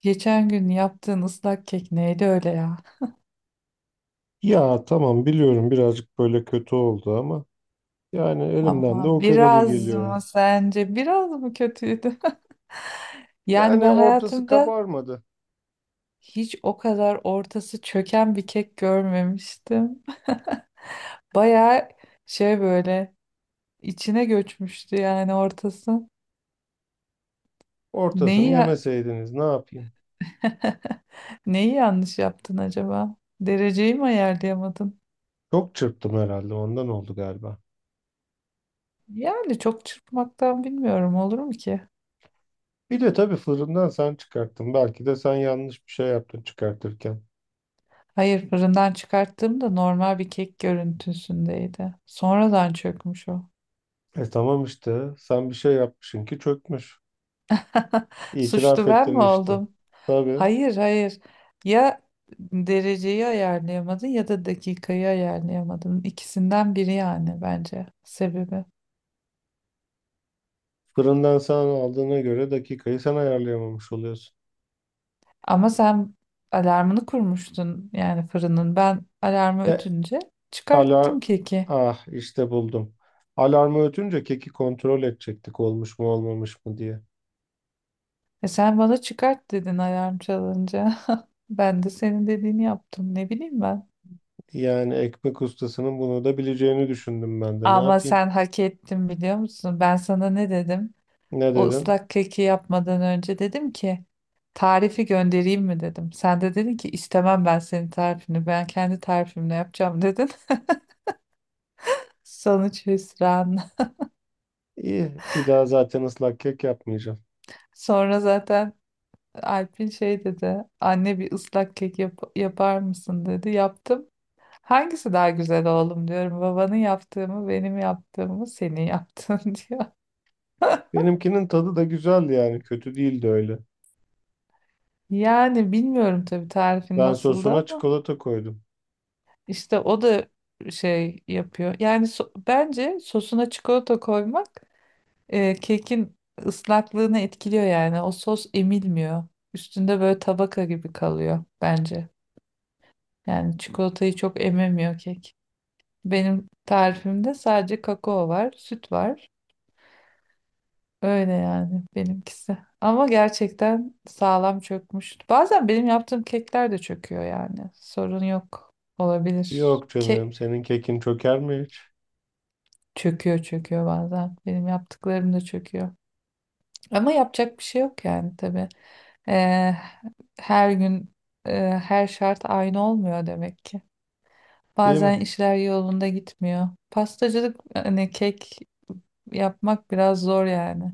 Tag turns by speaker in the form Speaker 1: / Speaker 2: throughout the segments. Speaker 1: Geçen gün yaptığın ıslak kek neydi öyle ya?
Speaker 2: Ya tamam biliyorum birazcık böyle kötü oldu ama yani elimden de
Speaker 1: Ama
Speaker 2: o kadarı
Speaker 1: biraz mı
Speaker 2: geliyor.
Speaker 1: sence biraz mı kötüydü? Yani
Speaker 2: Yani
Speaker 1: ben
Speaker 2: ortası
Speaker 1: hayatımda
Speaker 2: kabarmadı.
Speaker 1: hiç o kadar ortası çöken bir kek görmemiştim. Bayağı şey böyle içine göçmüştü yani ortası.
Speaker 2: Ortasını
Speaker 1: Neyi ya-
Speaker 2: yemeseydiniz ne yapayım?
Speaker 1: neyi yanlış yaptın acaba? Dereceyi mi ayarlayamadın?
Speaker 2: Çok çırptım herhalde ondan oldu galiba.
Speaker 1: Yani çok çırpmaktan bilmiyorum olur mu ki?
Speaker 2: Bir de tabii fırından sen çıkarttın. Belki de sen yanlış bir şey yaptın çıkartırken.
Speaker 1: Hayır fırından çıkarttığımda normal bir kek görüntüsündeydi. Sonradan çökmüş o.
Speaker 2: E tamam işte sen bir şey yapmışsın ki çökmüş. İtiraf
Speaker 1: Suçlu ben mi
Speaker 2: ettin işte.
Speaker 1: oldum?
Speaker 2: Tabii
Speaker 1: Hayır, hayır. Ya dereceyi ayarlayamadın ya da dakikayı ayarlayamadın. İkisinden biri yani bence sebebi.
Speaker 2: fırından sen aldığına göre dakikayı sen ayarlayamamış oluyorsun.
Speaker 1: Ama sen alarmını kurmuştun yani fırının. Ben alarmı
Speaker 2: E
Speaker 1: ötünce
Speaker 2: Alar
Speaker 1: çıkarttım keki.
Speaker 2: Ah işte buldum. Alarmı ötünce keki kontrol edecektik olmuş mu olmamış mı diye.
Speaker 1: E sen bana çıkart dedin alarm çalınca. Ben de senin dediğini yaptım. Ne bileyim ben.
Speaker 2: Yani ekmek ustasının bunu da bileceğini düşündüm ben de. Ne
Speaker 1: Ama
Speaker 2: yapayım?
Speaker 1: sen hak ettin biliyor musun? Ben sana ne dedim?
Speaker 2: Ne
Speaker 1: O
Speaker 2: dedin?
Speaker 1: ıslak keki yapmadan önce dedim ki tarifi göndereyim mi dedim. Sen de dedin ki istemem ben senin tarifini. Ben kendi tarifimle yapacağım dedin. Sonuç hüsran.
Speaker 2: İyi, bir daha zaten ıslak kek yapmayacağım.
Speaker 1: Sonra zaten Alp'in şey dedi. Anne bir ıslak kek yap yapar mısın dedi. Yaptım. Hangisi daha güzel oğlum diyorum. Babanın yaptığı mı benim yaptığım mı senin yaptığın diyor.
Speaker 2: Benimkinin tadı da güzeldi yani kötü değildi öyle.
Speaker 1: Yani bilmiyorum tabii tarifin
Speaker 2: Ben
Speaker 1: nasıldı.
Speaker 2: sosuna çikolata koydum.
Speaker 1: İşte o da şey yapıyor. Yani bence sosuna çikolata koymak kekin ıslaklığını etkiliyor yani. O sos emilmiyor. Üstünde böyle tabaka gibi kalıyor bence. Yani çikolatayı çok ememiyor kek. Benim tarifimde sadece kakao var, süt var. Öyle yani benimkisi. Ama gerçekten sağlam çökmüş. Bazen benim yaptığım kekler de çöküyor yani. Sorun yok. Olabilir.
Speaker 2: Yok canım, senin kekin çöker mi hiç?
Speaker 1: Çöküyor çöküyor bazen. Benim yaptıklarım da çöküyor. Ama yapacak bir şey yok yani tabii. Ee, her gün her şart aynı olmuyor demek ki.
Speaker 2: Değil mi?
Speaker 1: Bazen işler yolunda gitmiyor. Pastacılık hani kek yapmak biraz zor yani.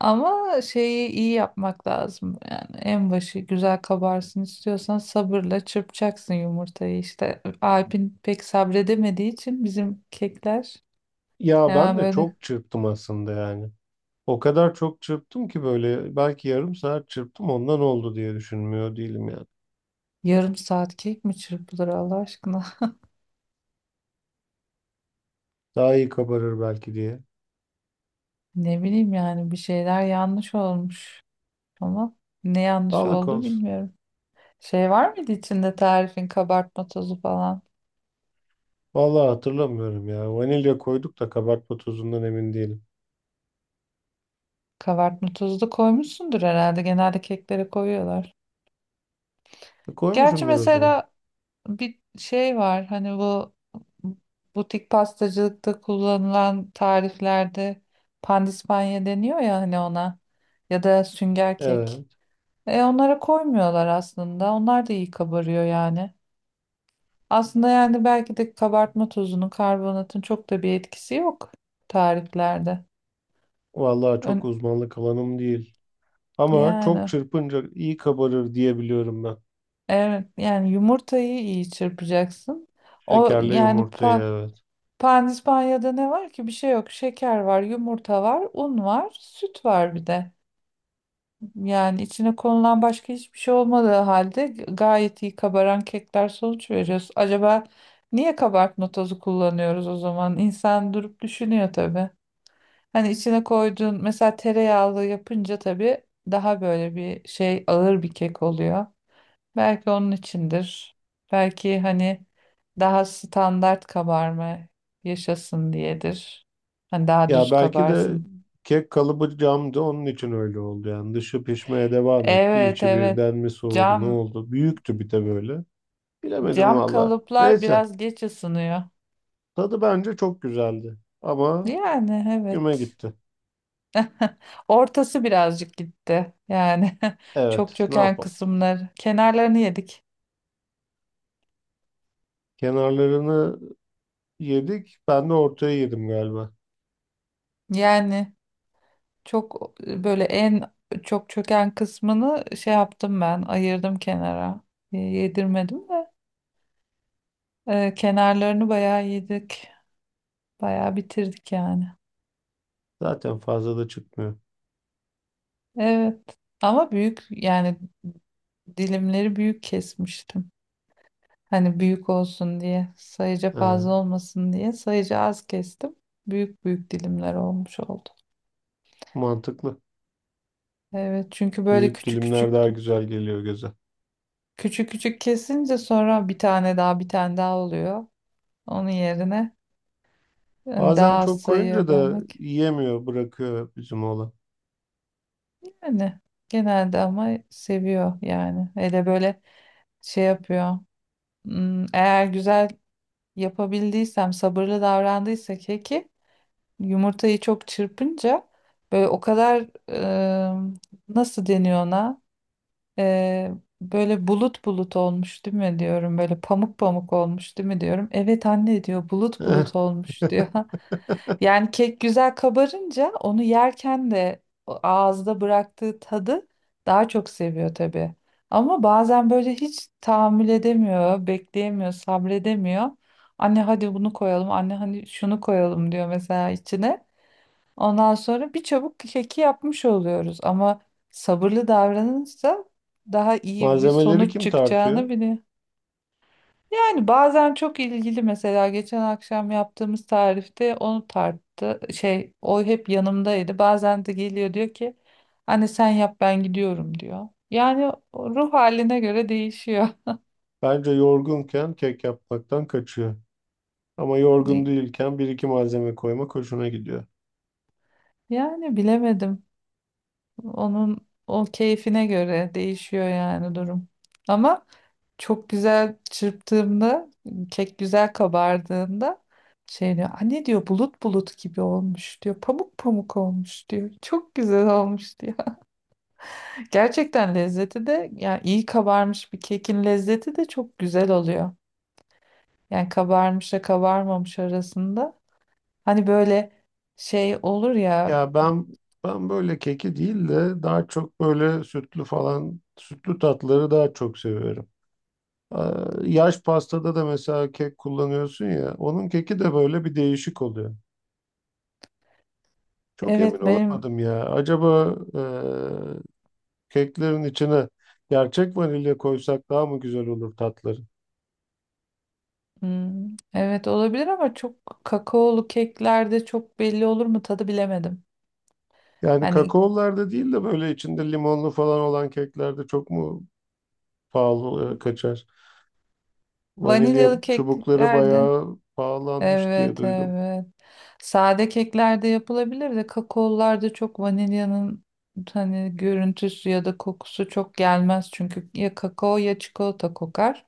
Speaker 1: Ama şeyi iyi yapmak lazım. Yani en başı güzel kabarsın istiyorsan sabırla çırpacaksın yumurtayı işte. Alp'in pek sabredemediği için bizim kekler
Speaker 2: Ya ben
Speaker 1: hemen
Speaker 2: de
Speaker 1: böyle.
Speaker 2: çok çırptım aslında yani. O kadar çok çırptım ki böyle belki yarım saat çırptım ondan oldu diye düşünmüyor değilim yani.
Speaker 1: Yarım saat kek mi çırpılır Allah aşkına?
Speaker 2: Daha iyi kabarır belki diye.
Speaker 1: Ne bileyim yani bir şeyler yanlış olmuş. Ama ne yanlış
Speaker 2: Sağlık
Speaker 1: oldu
Speaker 2: olsun.
Speaker 1: bilmiyorum. Şey var mıydı içinde tarifin kabartma tozu falan?
Speaker 2: Vallahi hatırlamıyorum ya. Vanilya koyduk da kabartma tozundan emin değilim.
Speaker 1: Kabartma tozu da koymuşsundur herhalde. Genelde keklere koyuyorlar. Gerçi
Speaker 2: Koymuşumdur o zaman.
Speaker 1: mesela bir şey var. Hani bu butik pastacılıkta kullanılan tariflerde pandispanya deniyor ya hani ona. Ya da sünger kek.
Speaker 2: Evet.
Speaker 1: E onlara koymuyorlar aslında. Onlar da iyi kabarıyor yani. Aslında yani belki de kabartma tozunun, karbonatın çok da bir etkisi yok tariflerde.
Speaker 2: Vallahi çok
Speaker 1: Ön-
Speaker 2: uzmanlık alanım değil. Ama çok
Speaker 1: yani
Speaker 2: çırpınca iyi kabarır diye biliyorum ben.
Speaker 1: evet yani yumurtayı iyi çırpacaksın. O
Speaker 2: Şekerle
Speaker 1: yani
Speaker 2: yumurtayı evet.
Speaker 1: pandispanya'da ne var ki? Bir şey yok. Şeker var, yumurta var, un var, süt var bir de. Yani içine konulan başka hiçbir şey olmadığı halde gayet iyi kabaran kekler sonuç veriyoruz. Acaba niye kabartma tozu kullanıyoruz o zaman? İnsan durup düşünüyor tabii. Hani içine koyduğun mesela tereyağlı yapınca tabii daha böyle bir şey ağır bir kek oluyor. Belki onun içindir. Belki hani daha standart kabarma yaşasın diyedir. Hani daha
Speaker 2: Ya
Speaker 1: düz
Speaker 2: belki de
Speaker 1: kabarsın.
Speaker 2: kek kalıbı camdı onun için öyle oldu yani. Dışı pişmeye devam etti.
Speaker 1: Evet,
Speaker 2: İçi
Speaker 1: evet.
Speaker 2: birden mi soğudu ne
Speaker 1: Cam
Speaker 2: oldu? Büyüktü bir de böyle. Bilemedim
Speaker 1: Cam
Speaker 2: valla.
Speaker 1: kalıplar
Speaker 2: Neyse.
Speaker 1: biraz geç ısınıyor.
Speaker 2: Tadı bence çok güzeldi. Ama
Speaker 1: Yani
Speaker 2: güme
Speaker 1: evet.
Speaker 2: gitti.
Speaker 1: Ortası birazcık gitti. Yani çok
Speaker 2: Evet. Ne
Speaker 1: çöken
Speaker 2: yapalım?
Speaker 1: kısımlar. Kenarlarını yedik.
Speaker 2: Kenarlarını yedik. Ben de ortaya yedim galiba.
Speaker 1: Yani çok böyle en çok çöken kısmını şey yaptım ben. Ayırdım kenara. Yedirmedim de. Kenarlarını bayağı yedik. Bayağı bitirdik yani.
Speaker 2: Zaten fazla da çıkmıyor.
Speaker 1: Evet. Ama büyük yani dilimleri büyük kesmiştim. Hani büyük olsun diye, sayıca
Speaker 2: Ha,
Speaker 1: fazla olmasın diye sayıca az kestim. Büyük büyük dilimler olmuş oldu.
Speaker 2: mantıklı.
Speaker 1: Evet, çünkü böyle
Speaker 2: Büyük
Speaker 1: küçük
Speaker 2: dilimler
Speaker 1: küçük
Speaker 2: daha güzel geliyor göze.
Speaker 1: küçük küçük kesince sonra bir tane daha bir tane daha oluyor. Onun yerine hani
Speaker 2: Bazen
Speaker 1: daha az
Speaker 2: çok koyunca
Speaker 1: sayıya
Speaker 2: da
Speaker 1: bölmek.
Speaker 2: yiyemiyor, bırakıyor bizim oğlan.
Speaker 1: Yani genelde ama seviyor yani. Hele böyle şey yapıyor. Eğer güzel yapabildiysem, sabırlı davrandıysa keki yumurtayı çok çırpınca böyle o kadar e, nasıl deniyor ona? E, böyle bulut bulut olmuş değil mi diyorum. Böyle pamuk pamuk olmuş değil mi diyorum. Evet anne diyor bulut bulut olmuş diyor. Yani kek güzel kabarınca onu yerken de o ağızda bıraktığı tadı daha çok seviyor tabii. Ama bazen böyle hiç tahammül edemiyor, bekleyemiyor, sabredemiyor. Anne hadi bunu koyalım, anne hani şunu koyalım diyor mesela içine. Ondan sonra bir çabuk keki yapmış oluyoruz ama sabırlı davranırsa daha iyi bir
Speaker 2: Malzemeleri
Speaker 1: sonuç
Speaker 2: kim tartıyor?
Speaker 1: çıkacağını bile. Yani bazen çok ilgili mesela geçen akşam yaptığımız tarifte onu tarttı. Şey o hep yanımdaydı. Bazen de geliyor diyor ki anne sen yap ben gidiyorum diyor. Yani o ruh haline göre değişiyor.
Speaker 2: Bence yorgunken kek yapmaktan kaçıyor. Ama yorgun değilken bir iki malzeme koymak hoşuna gidiyor.
Speaker 1: Yani bilemedim. Onun o keyfine göre değişiyor yani durum. Ama çok güzel çırptığımda kek güzel kabardığında şey diyor anne diyor bulut bulut gibi olmuş diyor pamuk pamuk olmuş diyor çok güzel olmuş diyor. Gerçekten lezzeti de yani iyi kabarmış bir kekin lezzeti de çok güzel oluyor yani kabarmışla kabarmamış arasında hani böyle şey olur ya.
Speaker 2: Ya ben böyle keki değil de daha çok böyle sütlü falan sütlü tatları daha çok seviyorum. Yaş pastada da mesela kek kullanıyorsun ya onun keki de böyle bir değişik oluyor. Çok emin
Speaker 1: Evet benim.
Speaker 2: olamadım ya. Acaba keklerin içine gerçek vanilya koysak daha mı güzel olur tatları?
Speaker 1: hmm, evet olabilir ama çok kakaolu keklerde çok belli olur mu tadı bilemedim.
Speaker 2: Yani
Speaker 1: Hani
Speaker 2: kakaolarda değil de böyle içinde limonlu falan olan keklerde çok mu pahalı kaçar? Vanilya
Speaker 1: vanilyalı
Speaker 2: çubukları
Speaker 1: keklerde
Speaker 2: bayağı pahalanmış diye
Speaker 1: evet,
Speaker 2: duydum.
Speaker 1: evet sade keklerde yapılabilir de kakaolularda çok vanilyanın hani görüntüsü ya da kokusu çok gelmez çünkü ya kakao ya çikolata kokar.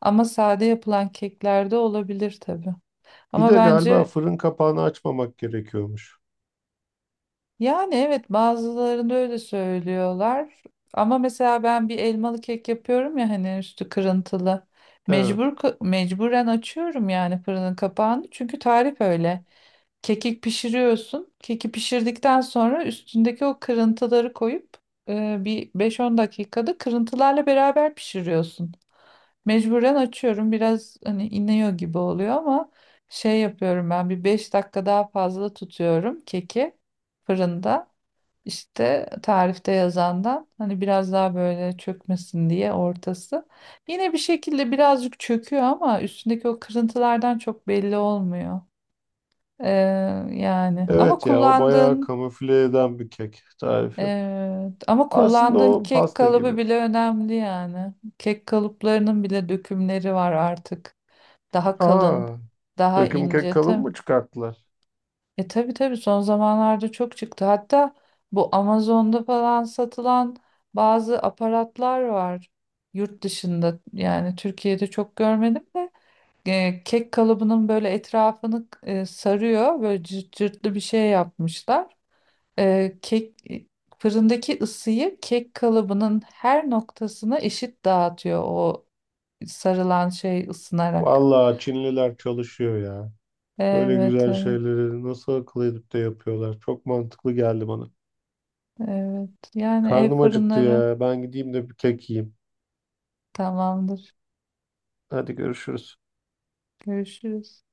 Speaker 1: Ama sade yapılan keklerde olabilir tabii.
Speaker 2: Bir
Speaker 1: Ama
Speaker 2: de galiba
Speaker 1: bence.
Speaker 2: fırın kapağını açmamak gerekiyormuş.
Speaker 1: Yani evet bazılarında öyle söylüyorlar. Ama mesela ben bir elmalı kek yapıyorum ya hani üstü kırıntılı.
Speaker 2: Evet.
Speaker 1: Mecburen açıyorum yani fırının kapağını. Çünkü tarif öyle. Kekik pişiriyorsun. Keki pişirdikten sonra üstündeki o kırıntıları koyup bir 5-10 dakikada kırıntılarla beraber pişiriyorsun. Mecburen açıyorum. Biraz hani iniyor gibi oluyor ama şey yapıyorum ben bir 5 dakika daha fazla tutuyorum keki fırında. İşte tarifte yazandan hani biraz daha böyle çökmesin diye ortası. Yine bir şekilde birazcık çöküyor ama üstündeki o kırıntılardan çok belli olmuyor. Ee, yani ama
Speaker 2: Evet ya o bayağı
Speaker 1: kullandığın
Speaker 2: kamufle eden bir kek tarifi.
Speaker 1: ama
Speaker 2: Aslında
Speaker 1: kullandığın
Speaker 2: o
Speaker 1: kek
Speaker 2: pasta
Speaker 1: kalıbı
Speaker 2: gibi.
Speaker 1: bile önemli yani. Kek kalıplarının bile dökümleri var artık. Daha kalın,
Speaker 2: Aa,
Speaker 1: daha
Speaker 2: döküm kek
Speaker 1: ince.
Speaker 2: kalın mı çıkarttılar?
Speaker 1: E tabii tabii son zamanlarda çok çıktı. Hatta bu Amazon'da falan satılan bazı aparatlar var yurt dışında. Yani Türkiye'de çok görmedim de kek kalıbının böyle etrafını sarıyor. Böyle cırt cırtlı bir şey yapmışlar. E, kek e, fırındaki ısıyı kek kalıbının her noktasına eşit dağıtıyor o sarılan şey ısınarak.
Speaker 2: Vallahi Çinliler çalışıyor ya. Böyle
Speaker 1: Evet,
Speaker 2: güzel
Speaker 1: evet,
Speaker 2: şeyleri nasıl akıl edip de yapıyorlar. Çok mantıklı geldi bana.
Speaker 1: evet. Yani
Speaker 2: Karnım
Speaker 1: ev
Speaker 2: acıktı
Speaker 1: fırınları
Speaker 2: ya. Ben gideyim de bir kek yiyeyim.
Speaker 1: tamamdır.
Speaker 2: Hadi görüşürüz.
Speaker 1: Görüşürüz.